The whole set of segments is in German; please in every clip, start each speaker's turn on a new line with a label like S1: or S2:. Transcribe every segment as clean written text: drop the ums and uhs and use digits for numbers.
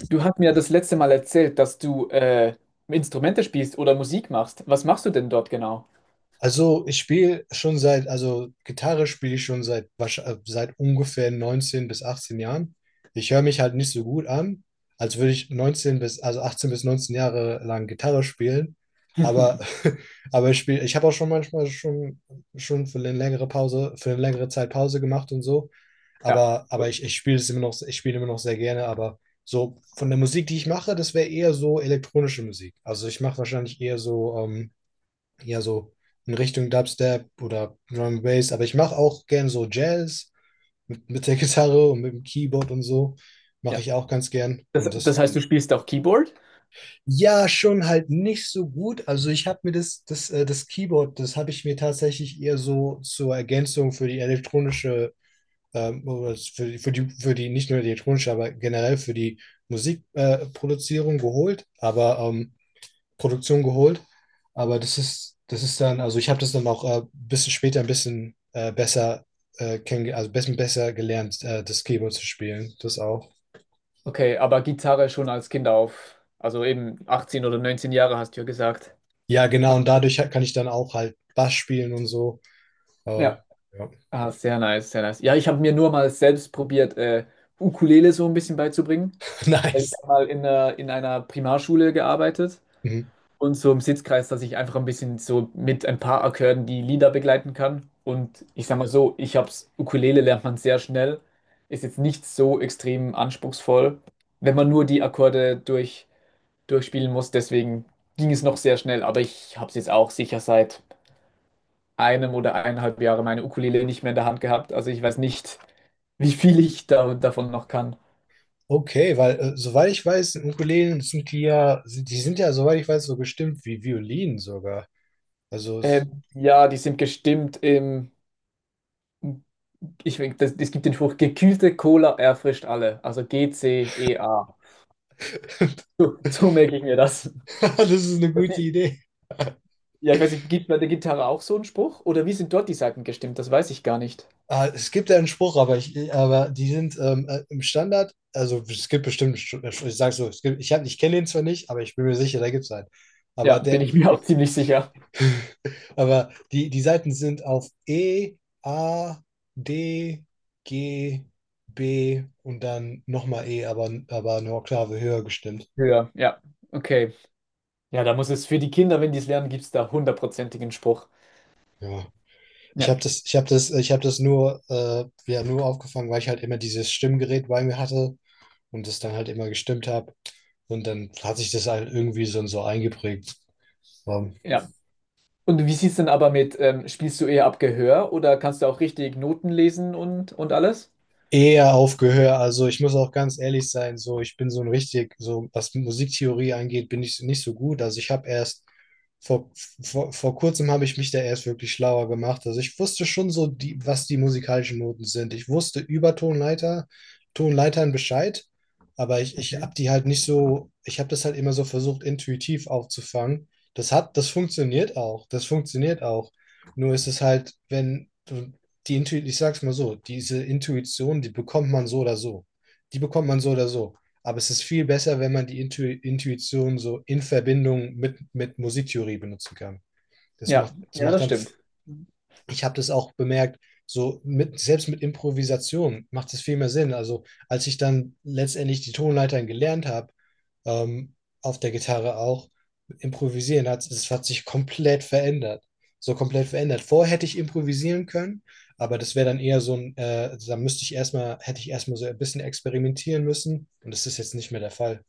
S1: Du hast mir das letzte Mal erzählt, dass du Instrumente spielst oder Musik machst. Was machst du denn dort genau?
S2: Also ich spiele schon seit, also Gitarre spiele ich schon seit, seit ungefähr 19 bis 18 Jahren. Ich höre mich halt nicht so gut an, als würde ich 19 bis, also 18 bis 19 Jahre lang Gitarre spielen. Aber, aber ich spiele, ich habe auch schon manchmal schon für eine längere Pause, für eine längere Zeit Pause gemacht und so.
S1: Ja,
S2: Aber ich spiele es immer noch, ich spiele immer noch sehr gerne. Aber so von der Musik, die ich mache, das wäre eher so elektronische Musik. Also ich mache wahrscheinlich eher so, ja so in Richtung Dubstep oder Drum and Bass, aber ich mache auch gern so Jazz mit der Gitarre und mit dem Keyboard und so. Mache
S1: ja.
S2: ich auch ganz gern.
S1: Das,
S2: Und
S1: das
S2: das,
S1: heißt, du spielst auch Keyboard?
S2: ja, schon halt nicht so gut. Also ich habe mir das Keyboard, das habe ich mir tatsächlich eher so zur Ergänzung für die elektronische, oder für, für die nicht nur die elektronische, aber generell für die Musikproduzierung, Produzierung geholt. Aber Produktion geholt. Aber das ist dann, also ich habe das dann auch ein bisschen später ein bisschen besser, also ein bisschen besser gelernt, das Keyboard zu spielen. Das auch.
S1: Okay, aber Gitarre schon als Kind auf. Also eben 18 oder 19 Jahre hast du ja gesagt.
S2: Ja, genau,
S1: Na.
S2: und dadurch kann ich dann auch halt Bass spielen und so. Äh,
S1: Ja,
S2: ja.
S1: ah, sehr nice, sehr nice. Ja, ich habe mir nur mal selbst probiert, Ukulele so ein bisschen beizubringen. Weil ich
S2: Nice.
S1: habe mal in einer Primarschule gearbeitet.
S2: Mhm.
S1: Und so im Sitzkreis, dass ich einfach ein bisschen so mit ein paar Akkorden die Lieder begleiten kann. Und ich sag mal so, ich hab's, Ukulele lernt man sehr schnell, ist jetzt nicht so extrem anspruchsvoll, wenn man nur die Akkorde durchspielen muss. Deswegen ging es noch sehr schnell, aber ich hab's jetzt auch sicher seit einem oder eineinhalb Jahre meine Ukulele nicht mehr in der Hand gehabt. Also ich weiß nicht, wie viel ich davon noch kann.
S2: Okay, weil soweit ich weiß, Ukulelen sind die ja, sind, die sind ja, soweit ich weiß, so gestimmt wie Violinen sogar. Also,
S1: Ja, die sind gestimmt im es gibt den Spruch, gekühlte Cola erfrischt alle. Also G-C-E-A. So merke ich mir das.
S2: das ist eine
S1: das
S2: gute
S1: sieht-
S2: Idee.
S1: ja, ich weiß nicht, gibt bei der Gitarre auch so einen Spruch? Oder wie sind dort die Saiten gestimmt? Das weiß ich gar nicht.
S2: Ah, es gibt ja einen Spruch, aber die sind im Standard. Also es gibt bestimmt, einen ich sag so, es gibt, ich kenne den zwar nicht, aber ich bin mir sicher, da gibt es einen. Aber
S1: Ja, bin
S2: der,
S1: ich mir auch ziemlich sicher.
S2: aber die, die Seiten sind auf E, A, D, G, B und dann nochmal E, aber eine Oktave höher gestimmt.
S1: Ja, ja. Okay. Ja, da muss es für die Kinder, wenn die es lernen, gibt es da hundertprozentigen Spruch.
S2: Ja. Ich
S1: Ja.
S2: habe das, ich habe das, ich habe das nur, ja, nur aufgefangen, weil ich halt immer dieses Stimmgerät bei mir hatte und das dann halt immer gestimmt habe. Und dann hat sich das halt irgendwie so eingeprägt. War
S1: Ja. Und wie sieht es denn aber mit, spielst du eher ab Gehör oder kannst du auch richtig Noten lesen und alles?
S2: eher auf Gehör. Also ich muss auch ganz ehrlich sein, so ich bin so ein richtig, so was Musiktheorie angeht, bin ich nicht so gut. Also ich habe erst vor, vor kurzem habe ich mich da erst wirklich schlauer gemacht. Also ich wusste schon so die, was die musikalischen Noten sind. Ich wusste über Tonleiter, Tonleitern Bescheid, aber ich habe
S1: Mhm.
S2: die halt nicht so, ich habe das halt immer so versucht, intuitiv aufzufangen. Das hat, das funktioniert auch. Das funktioniert auch. Nur ist es halt, wenn, die Intuition, ich sag's mal so, diese Intuition, die bekommt man so oder so. Die bekommt man so oder so. Aber es ist viel besser, wenn man die Intuition so in Verbindung mit Musiktheorie benutzen kann.
S1: Ja,
S2: Das
S1: ja,
S2: macht
S1: das
S2: dann.
S1: stimmt.
S2: Ich habe das auch bemerkt, so mit, selbst mit Improvisation macht es viel mehr Sinn. Also als ich dann letztendlich die Tonleitern gelernt habe, ähm, auf der Gitarre auch, improvisieren hat, es hat sich komplett verändert. So komplett verändert. Vorher hätte ich improvisieren können, aber das wäre dann eher so ein, da müsste ich erstmal, hätte ich erstmal so ein bisschen experimentieren müssen und das ist jetzt nicht mehr der Fall.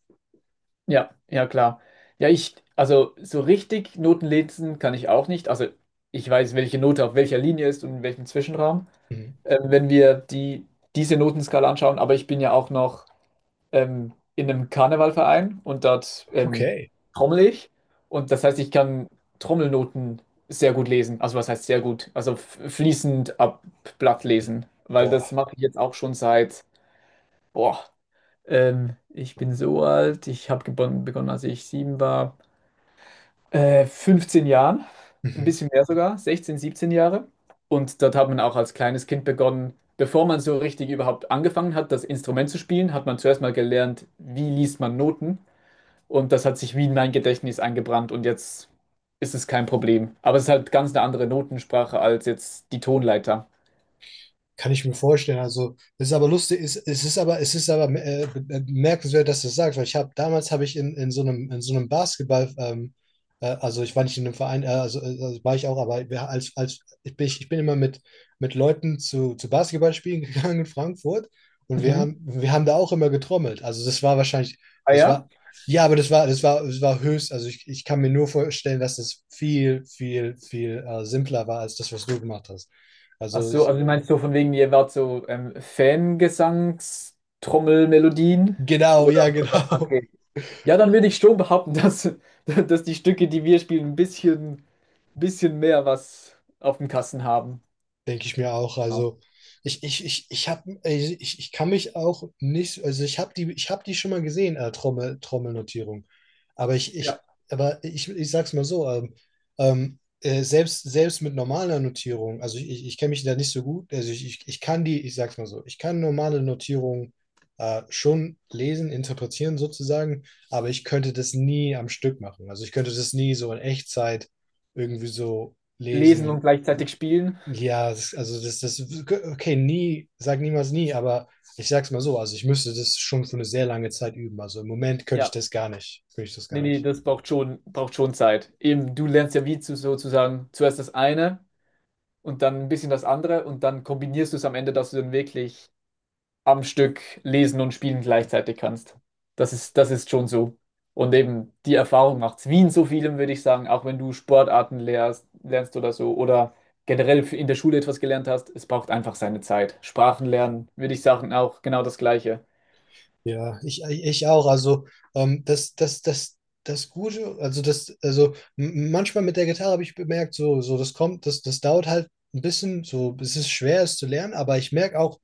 S1: Ja, ja klar. Ja, also so richtig Noten lesen kann ich auch nicht. Also ich weiß, welche Note auf welcher Linie ist und in welchem Zwischenraum,
S2: Mhm.
S1: wenn wir diese Notenskala anschauen. Aber ich bin ja auch noch in einem Karnevalverein und dort
S2: Okay.
S1: trommel ich. Und das heißt, ich kann Trommelnoten sehr gut lesen. Also was heißt sehr gut? Also fließend ab Blatt lesen, weil das
S2: Boah.
S1: mache ich jetzt auch schon seit – boah, ich bin so alt. Ich habe begonnen, als ich 7 war. 15 Jahren, ein
S2: Mhm.
S1: bisschen mehr sogar, 16, 17 Jahre. Und dort hat man auch als kleines Kind begonnen, bevor man so richtig überhaupt angefangen hat, das Instrument zu spielen, hat man zuerst mal gelernt, wie liest man Noten. Und das hat sich wie in mein Gedächtnis eingebrannt und jetzt ist es kein Problem. Aber es ist halt ganz eine andere Notensprache als jetzt die Tonleiter.
S2: Kann ich mir vorstellen. Also, es ist aber lustig, es ist aber bemerkenswert, dass du das sagst, weil ich habe damals habe ich in so einem Basketball, also ich war nicht in einem Verein, also war ich auch, aber als, als ich bin immer mit Leuten zu Basketballspielen gegangen in Frankfurt und
S1: Mhm.
S2: wir haben da auch immer getrommelt. Also das war wahrscheinlich,
S1: Ah
S2: das
S1: ja?
S2: war, ja, aber das war höchst, also ich kann mir nur vorstellen, dass das viel simpler war als das, was du gemacht hast.
S1: Ach
S2: Also
S1: so,
S2: ich.
S1: also du meinst so von wegen, ihr wart so Fangesangstrommelmelodien?
S2: Genau,
S1: Oder
S2: ja, genau.
S1: okay. Ja, dann würde ich schon behaupten, dass die Stücke, die wir spielen, ein bisschen mehr was auf dem Kasten haben.
S2: Denke ich mir auch.
S1: Ja.
S2: Also ich habe, ich kann mich auch nicht, also ich habe die schon mal gesehen, Trommel, Trommelnotierung. Aber ich, ich,
S1: Ja.
S2: aber ich sag's mal so, selbst mit normaler Notierung, also ich kenne mich da nicht so gut, also ich kann die, ich sag's mal so, ich kann normale Notierung schon lesen, interpretieren sozusagen, aber ich könnte das nie am Stück machen. Also ich könnte das nie so in Echtzeit irgendwie so
S1: Lesen und
S2: lesen.
S1: gleichzeitig spielen.
S2: Ja, das, also das, das, okay. Nie, sag niemals nie, aber ich sag's mal so, also ich müsste das schon für eine sehr lange Zeit üben. Also im Moment könnte ich
S1: Ja,
S2: das gar nicht. Könnte ich das
S1: nee,
S2: gar
S1: nee,
S2: nicht.
S1: das braucht schon Zeit. Eben, du lernst ja wie sozusagen zuerst das eine und dann ein bisschen das andere und dann kombinierst du es am Ende, dass du dann wirklich am Stück lesen und spielen gleichzeitig kannst. Das ist schon so. Und eben die Erfahrung macht es. Wie in so vielem, würde ich sagen, auch wenn du Sportarten lernst oder so oder generell in der Schule etwas gelernt hast, es braucht einfach seine Zeit. Sprachen lernen, würde ich sagen, auch genau das Gleiche.
S2: Ja, ich auch. Also ähm, das, das, das, das Gute, also das, also manchmal mit der Gitarre habe ich bemerkt, so, so das kommt, das, das dauert halt ein bisschen, so, es ist schwer, es zu lernen, aber ich merke auch,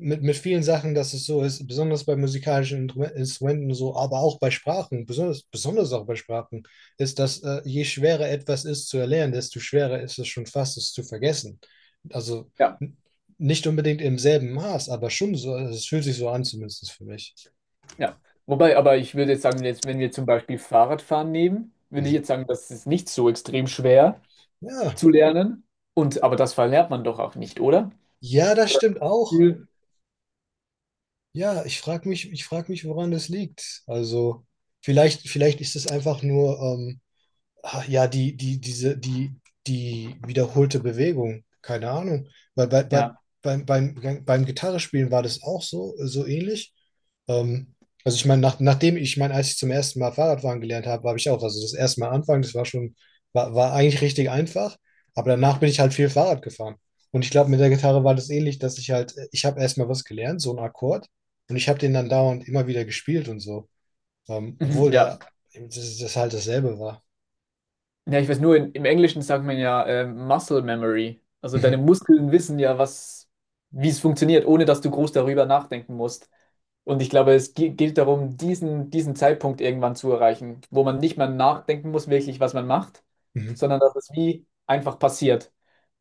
S2: mit vielen Sachen, dass es so ist, besonders bei musikalischen Instrumenten so, aber auch bei Sprachen, besonders auch bei Sprachen, ist, dass je schwerer etwas ist zu erlernen, desto schwerer ist es schon fast, es zu vergessen. Also
S1: Ja,
S2: nicht unbedingt im selben Maß, aber schon so, also es fühlt sich so an, zumindest für mich.
S1: ja. Wobei, aber ich würde jetzt sagen, jetzt, wenn wir zum Beispiel Fahrradfahren nehmen, würde ich
S2: Mhm.
S1: jetzt sagen, das ist nicht so extrem schwer
S2: Ja,
S1: zu lernen. Und aber das verlernt man doch auch nicht, oder?
S2: ja, das stimmt auch.
S1: Oder?
S2: Ja, ich frage mich, woran das liegt. Also vielleicht ist es einfach nur, ah, ja, die, die wiederholte Bewegung, keine Ahnung. Weil
S1: Ja,
S2: beim Gitarrespielen war das auch so, so ähnlich. Ähm, also ich meine, nachdem ich, ich meine, als ich zum ersten Mal Fahrradfahren gelernt habe, habe ich auch, also das erste Mal anfangen, das war schon, war, war eigentlich richtig einfach, aber danach bin ich halt viel Fahrrad gefahren. Und ich glaube, mit der Gitarre war das ähnlich, dass ich halt, ich habe erstmal was gelernt, so einen Akkord, und ich habe den dann dauernd immer wieder gespielt und so. Ähm,
S1: mhm,
S2: obwohl
S1: ja.
S2: der, das, das halt dasselbe war.
S1: Ja, ich weiß nur, im Englischen sagt man ja, Muscle Memory. Also deine Muskeln wissen ja, wie es funktioniert, ohne dass du groß darüber nachdenken musst. Und ich glaube, es geht darum, diesen Zeitpunkt irgendwann zu erreichen, wo man nicht mehr nachdenken muss, wirklich, was man macht, sondern dass es wie einfach passiert.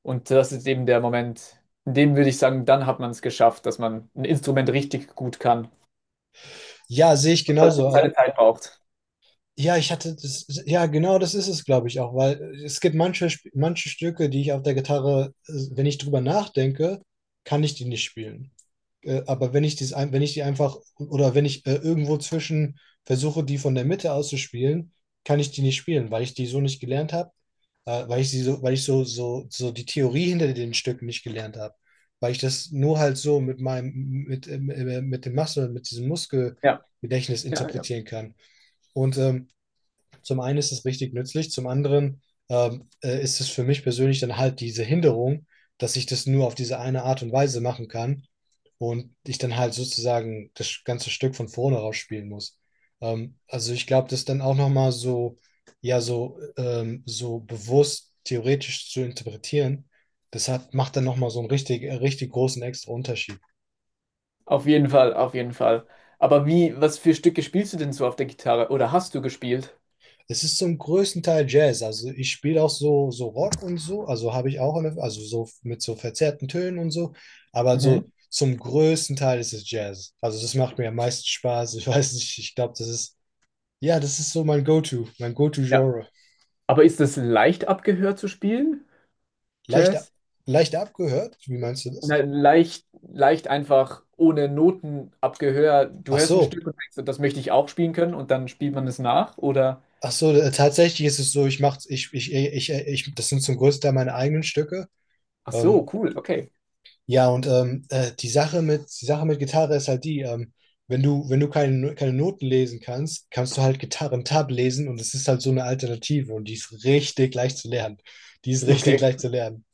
S1: Und das ist eben der Moment, in dem würde ich sagen, dann hat man es geschafft, dass man ein Instrument richtig gut kann.
S2: Ja, sehe ich
S1: Weil
S2: genauso.
S1: es
S2: Also,
S1: seine Zeit braucht.
S2: ja, ich hatte das, ja, genau das ist es, glaube ich, auch, weil es gibt manche, manche Stücke, die ich auf der Gitarre, wenn ich drüber nachdenke, kann ich die nicht spielen. Aber wenn ich, dies ein, wenn ich die einfach oder wenn ich irgendwo zwischen versuche, die von der Mitte aus zu spielen, kann ich die nicht spielen, weil ich die so nicht gelernt habe, weil ich sie so, weil ich so, so die Theorie hinter den Stücken nicht gelernt habe. Weil ich das nur halt so mit meinem, mit dem Muscle, mit diesem
S1: Ja.
S2: Muskelgedächtnis
S1: Ja, ja.
S2: interpretieren kann. Und zum einen ist es richtig nützlich, zum anderen ist es für mich persönlich dann halt diese Hinderung, dass ich das nur auf diese eine Art und Weise machen kann und ich dann halt sozusagen das ganze Stück von vorne raus spielen muss. Also ich glaube, das dann auch nochmal so, ja, so, so bewusst theoretisch zu interpretieren, das hat, macht dann nochmal so einen richtig, richtig großen extra Unterschied.
S1: Auf jeden Fall, auf jeden Fall. Aber was für Stücke spielst du denn so auf der Gitarre? Oder hast du gespielt?
S2: Es ist zum größten Teil Jazz. Also ich spiele auch so, so Rock und so. Also habe ich auch, eine, also so mit so verzerrten Tönen und so. Aber so
S1: Mhm.
S2: zum größten Teil ist es Jazz. Also das macht mir am meisten Spaß. Ich weiß nicht, ich glaube, das ist, ja, das ist so mein Go-To, mein
S1: Ja.
S2: Go-To-Genre.
S1: Aber ist das leicht abgehört zu spielen?
S2: Leicht,
S1: Jazz?
S2: leicht abgehört? Wie meinst du das?
S1: Nein, leicht einfach ohne Noten abgehör. Du
S2: Ach
S1: hörst ein Stück
S2: so.
S1: und denkst, so, das möchte ich auch spielen können und dann spielt man es nach. Oder,
S2: Ach so, tatsächlich ist es so, ich mache, ich, das sind zum größten Teil meine eigenen Stücke.
S1: ach so,
S2: Ähm,
S1: cool, okay.
S2: Ja, und die Sache mit Gitarre ist halt die, wenn du, wenn du keine, keine Noten lesen kannst, kannst du halt Gitarren-Tab lesen und es ist halt so eine Alternative und die ist richtig leicht zu lernen. Die ist richtig
S1: Okay,
S2: leicht zu lernen.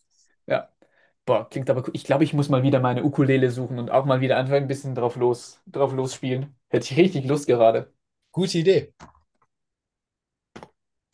S1: ja. Boah, klingt aber cool. Ich glaube, ich muss mal wieder meine Ukulele suchen und auch mal wieder einfach ein bisschen drauf losspielen. Hätte ich richtig Lust gerade.
S2: Gute Idee.